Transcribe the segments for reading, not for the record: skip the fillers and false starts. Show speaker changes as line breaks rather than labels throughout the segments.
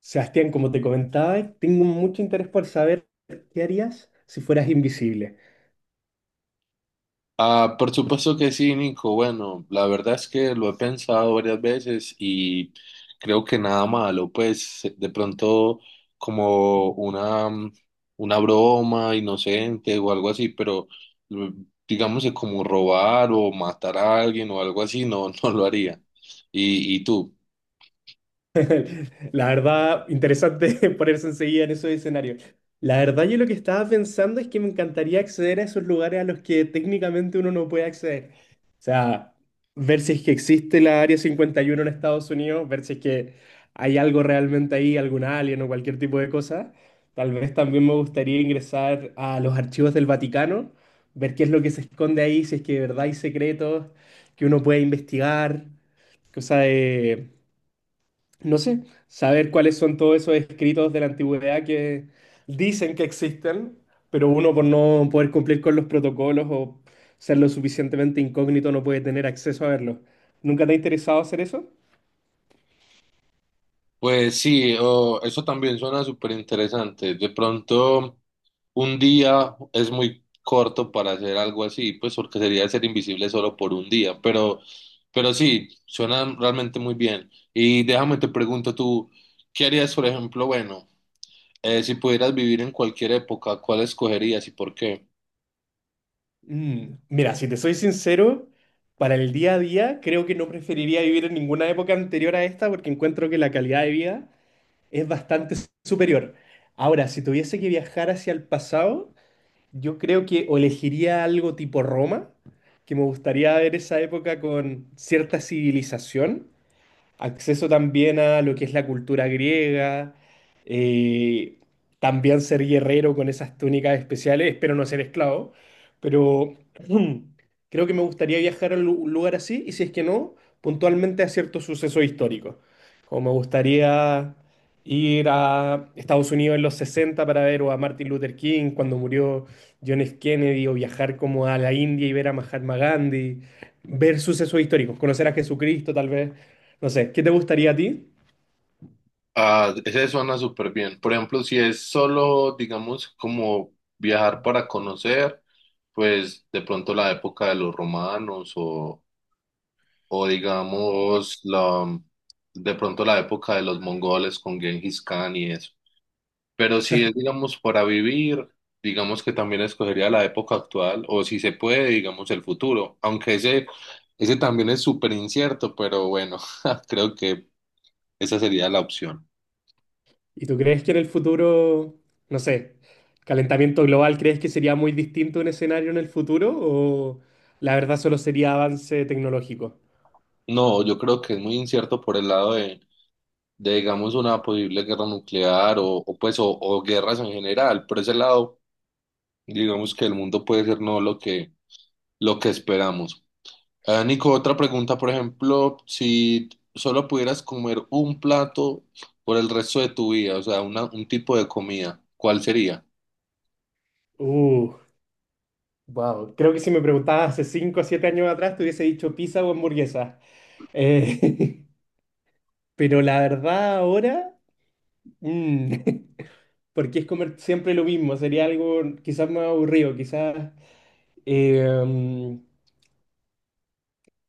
Sebastián, como te comentaba, tengo mucho interés por saber qué harías si fueras invisible.
Ah, por supuesto que sí, Nico. Bueno, la verdad es que lo he pensado varias veces y creo que nada malo, pues de pronto como una, una broma inocente o algo así, pero mm, digamos que como robar o matar a alguien o algo así, no, no lo haría. ¿Y tú?
La verdad, interesante ponerse enseguida en esos escenarios. La verdad, yo lo que estaba pensando es que me encantaría acceder a esos lugares a los que técnicamente uno no puede acceder. O sea, ver si es que existe la Área 51 en Estados Unidos, ver si es que hay algo realmente ahí, algún alien o cualquier tipo de cosa. Tal vez también me gustaría ingresar a los archivos del Vaticano, ver qué es lo que se esconde ahí, si es que de verdad hay secretos que uno puede investigar, cosa de no sé, saber cuáles son todos esos escritos de la antigüedad que dicen que existen, pero uno por no poder cumplir con los protocolos o ser lo suficientemente incógnito no puede tener acceso a verlos. ¿Nunca te ha interesado hacer eso?
Pues sí, eso también suena súper interesante. De pronto, un día es muy corto para hacer algo así, pues porque sería ser invisible solo por un día, pero sí, suena realmente muy bien. Y déjame te pregunto tú, ¿qué harías, por ejemplo, bueno, si pudieras vivir en cualquier época, ¿cuál escogerías y por qué?
Mira, si te soy sincero, para el día a día creo que no preferiría vivir en ninguna época anterior a esta porque encuentro que la calidad de vida es bastante superior. Ahora, si tuviese que viajar hacia el pasado... Yo creo que o elegiría algo tipo Roma, que me gustaría ver esa época con cierta civilización, acceso también a lo que es la cultura griega, eh, también ser guerrero con esas túnicas especiales, espero no ser esclavo, pero creo que me gustaría viajar a un lugar así y si es que no, puntualmente a ciertos sucesos históricos, como me gustaría ir a Estados Unidos en los 60 para ver o a Martin Luther King cuando murió John F. Kennedy o viajar como a la India y ver a Mahatma Gandhi, ver sucesos históricos, conocer a Jesucristo tal vez. No sé, ¿qué te gustaría a ti?
Ah, ese suena súper bien. Por ejemplo, si es solo, digamos, como viajar para conocer, pues de pronto la época de los romanos o digamos, de pronto la época de los mongoles con Genghis Khan y eso. Pero si es, digamos, para vivir, digamos que también escogería la época actual o si se puede, digamos, el futuro. Ese también es súper incierto, pero bueno, creo que esa sería la opción.
¿Y tú crees que en el futuro, no sé, calentamiento global, crees que sería muy distinto un escenario en el futuro o la verdad solo sería avance tecnológico?
No, yo creo que es muy incierto por el lado de, digamos, una posible guerra nuclear o guerras en general. Por ese lado, digamos que el mundo puede ser no lo que esperamos. Ah, Nico, otra pregunta. Por ejemplo, si solo pudieras comer un plato por el resto de tu vida, o sea, un tipo de comida, ¿cuál sería?
Uh, wow. Creo que si me preguntabas hace 5 o 7 años atrás te hubiese dicho pizza o hamburguesa. Eh, pero la verdad ahora, mm, porque es comer siempre lo mismo, sería algo quizás más aburrido, quizás... eh,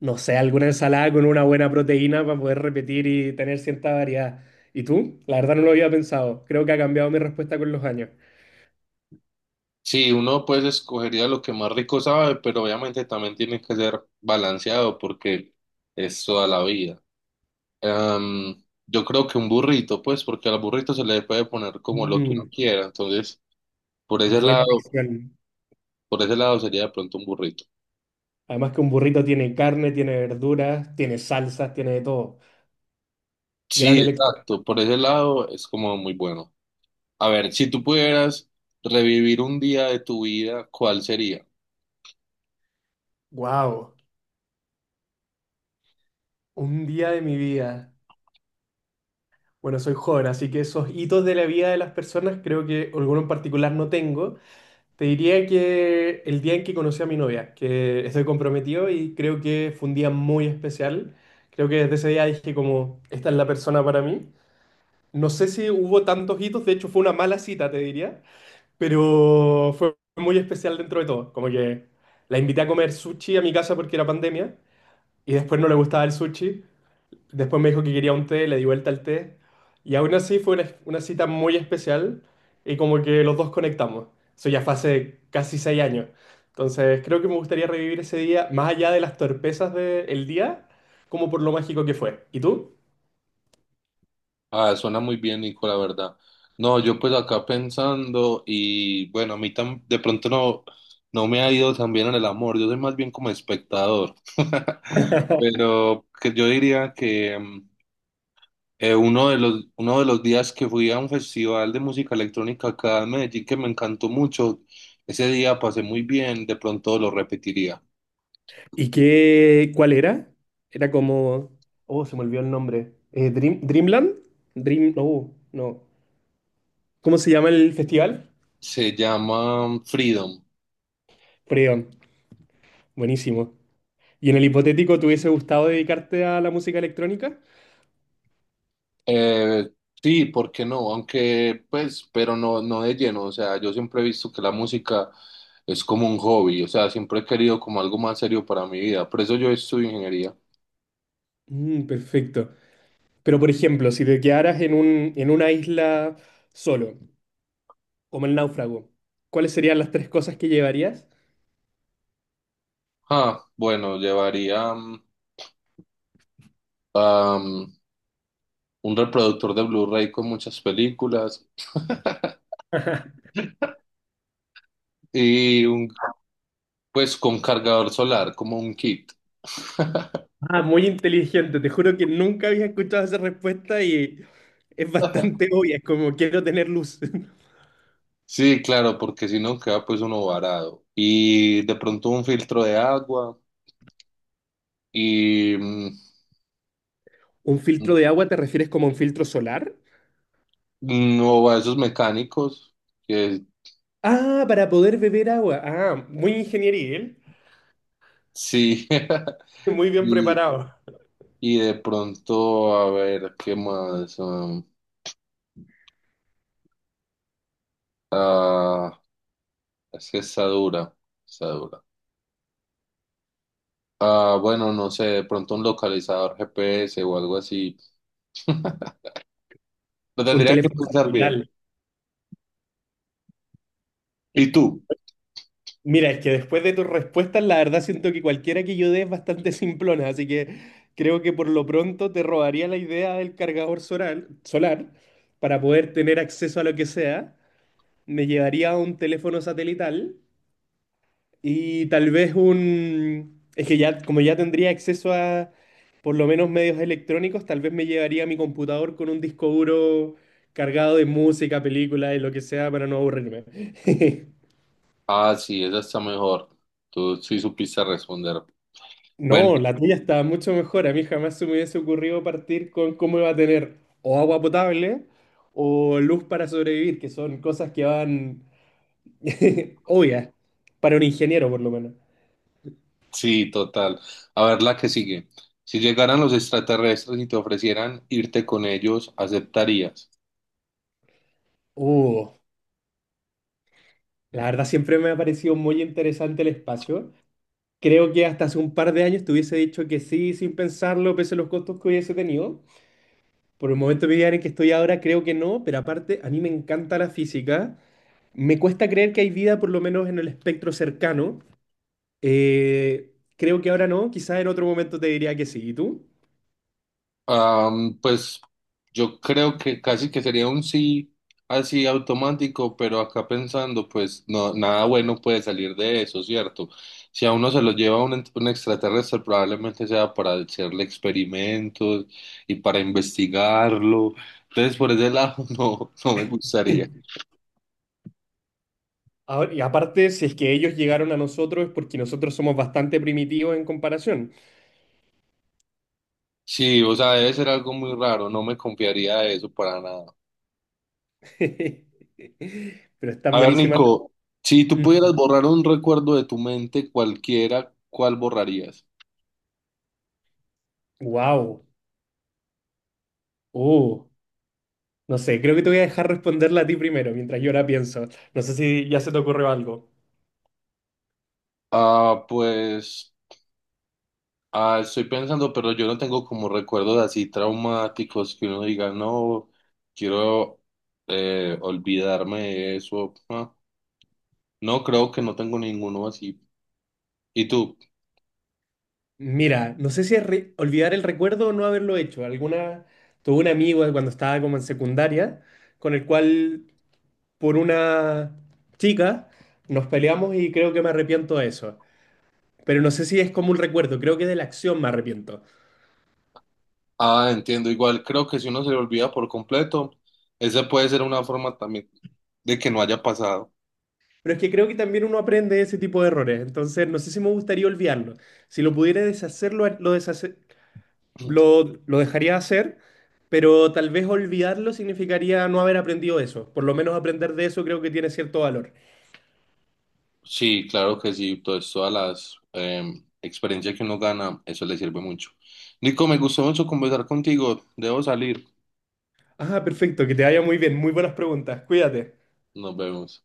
no sé, alguna ensalada con una buena proteína para poder repetir y tener cierta variedad. ¿Y tú? La verdad no lo había pensado. Creo que ha cambiado mi respuesta con los años.
Sí, uno pues escogería lo que más rico sabe, pero obviamente también tiene que ser balanceado porque es toda la vida. Am, yo creo que un burrito, pues, porque al burrito se le puede poner como lo que uno
Mm,
quiera. Entonces, por ese
buena
lado,
elección.
por ese lado sería de pronto un burrito.
Además que un burrito tiene carne, tiene verduras, tiene salsas, tiene de todo.
Sí,
Gran elección.
exacto. Por ese lado es como muy bueno. A ver, si tú pudieras revivir un día de tu vida, ¿cuál sería?
Wow, un día de mi vida. Bueno, soy joven, así que esos hitos de la vida de las personas creo que alguno en particular no tengo, te diría que el día en que conocí a mi novia, que estoy comprometido y creo que fue un día muy especial. Creo que desde ese día dije como, esta es la persona para mí. No sé si hubo tantos hitos, de hecho fue una mala cita, te diría, pero fue muy especial dentro de todo. Como que la invité a comer sushi a mi casa porque era pandemia y después no le gustaba el sushi. Después me dijo que quería un té, le di vuelta al té. Y aún así fue una cita muy especial y como que los dos conectamos. Eso ya fue hace casi 6 años. Entonces creo que me gustaría revivir ese día, más allá de las torpezas del día, como por lo mágico que fue. ¿Y tú?
Ah, suena muy bien, Nico, la verdad. No, yo pues acá pensando y bueno, a mí tan, de pronto no, no me ha ido tan bien en el amor. Yo soy más bien como espectador. Pero que yo diría que uno de uno de los días que fui a un festival de música electrónica acá en Medellín que me encantó mucho, ese día pasé muy bien, de pronto lo repetiría.
¿Y qué, cuál era? Era como oh, se me olvidó el nombre. Dream- ¿Dreamland? No, no. ¿Cómo se llama el festival?
Se llama Freedom.
Freon, buenísimo. Y en el hipotético, ¿te hubiese gustado dedicarte a la música electrónica?
Eh, sí, ¿por qué no? Aunque, pues, pero no, no de lleno. O sea, yo siempre he visto que la música es como un hobby. O sea, siempre he querido como algo más serio para mi vida. Por eso yo estudio ingeniería.
Perfecto. Pero, por ejemplo, si te quedaras en un, en una isla solo, como el náufrago, ¿cuáles serían las tres cosas que llevarías?
Ah, bueno, llevaría am, un reproductor de Blu-ray con muchas películas. Y un, pues con cargador solar, como un kit.
Ah, muy inteligente. Te juro que nunca había escuchado esa respuesta y es bastante obvia. Es como quiero tener luz.
Sí, claro, porque si no queda pues uno varado. Y de pronto un filtro de agua y
¿Un filtro de agua te refieres como a un filtro solar?
no a esos mecánicos que
Ah, para poder beber agua. Ah, muy ingeniería, ¿eh?
sí.
Muy bien
Y,
preparado.
y de pronto, a ver, ¿qué más? Ah, es que está dura, está dura. Ah, bueno, no sé, de pronto un localizador GPS o algo así. Lo
Un
tendría que
teléfono
pensar bien.
celular.
¿Y tú?
Mira, es que después de tus respuestas, la verdad siento que cualquiera que yo dé es bastante simplona, así que creo que por lo pronto te robaría la idea del cargador solar, solar para poder tener acceso a lo que sea. Me llevaría un teléfono satelital y tal vez un... Es que ya, como ya tendría acceso a por lo menos medios electrónicos, tal vez me llevaría mi computador con un disco duro cargado de música, películas y lo que sea para no aburrirme.
Ah, sí, esa está mejor. Tú sí supiste responder. Bueno,
No, la tuya está mucho mejor. A mí jamás se me hubiese ocurrido partir con cómo iba a tener o agua potable o luz para sobrevivir, que son cosas que van obvias para un ingeniero, por lo menos.
sí, total. A ver la que sigue. Si llegaran los extraterrestres y te ofrecieran irte con ellos, ¿aceptarías?
Uh, la verdad siempre me ha parecido muy interesante el espacio. Creo que hasta hace un par de años te hubiese dicho que sí, sin pensarlo, pese a los costos que hubiese tenido. Por el momento de mi vida en el que estoy ahora, creo que no, pero aparte, a mí me encanta la física. Me cuesta creer que hay vida, por lo menos en el espectro cercano. Creo que ahora no, quizás en otro momento te diría que sí. ¿Y tú?
Pues yo creo que casi que sería un sí así automático, pero acá pensando, pues no, nada bueno puede salir de eso, ¿cierto? Si a uno se lo lleva un extraterrestre, probablemente sea para hacerle experimentos y para investigarlo. Entonces, por ese lado, no, no me gustaría.
Ahora- y aparte, si es que ellos llegaron a nosotros es porque nosotros somos bastante primitivos en comparación.
Sí, o sea, debe ser algo muy raro, no me confiaría de eso para nada.
Pero están
A ver,
buenísimas.
Nico, si tú pudieras borrar un recuerdo de tu mente cualquiera, ¿cuál borrarías?
Wow. Oh, no sé, creo que te voy a dejar responderla a ti primero mientras yo la pienso. No sé si ya se te ocurrió algo.
Ah, pues estoy pensando, pero yo no tengo como recuerdos así traumáticos que uno diga, no, quiero olvidarme de eso. Ah, no, creo que no tengo ninguno así. ¿Y tú?
Mira, no sé si es olvidar el recuerdo o no haberlo hecho. Alguna, tuve un amigo cuando estaba como en secundaria con el cual por una chica, nos peleamos y creo que me arrepiento de eso. Pero no sé si es como un recuerdo, creo que de la acción me arrepiento.
Ah, entiendo, igual creo que si uno se le olvida por completo, esa puede ser una forma también de que no haya pasado.
Pero es que creo que también uno aprende ese tipo de errores, entonces no sé si me gustaría olvidarlo. Si lo pudiera deshacer, lo, lo, deshace- lo, lo dejaría hacer, pero tal vez olvidarlo significaría no haber aprendido eso. Por lo menos aprender de eso creo que tiene cierto valor.
Sí, claro que sí, pues todas las experiencias que uno gana, eso le sirve mucho. Nico, me gustó mucho conversar contigo, debo salir.
Ah, perfecto, que te vaya muy bien, muy buenas preguntas, cuídate.
Nos vemos.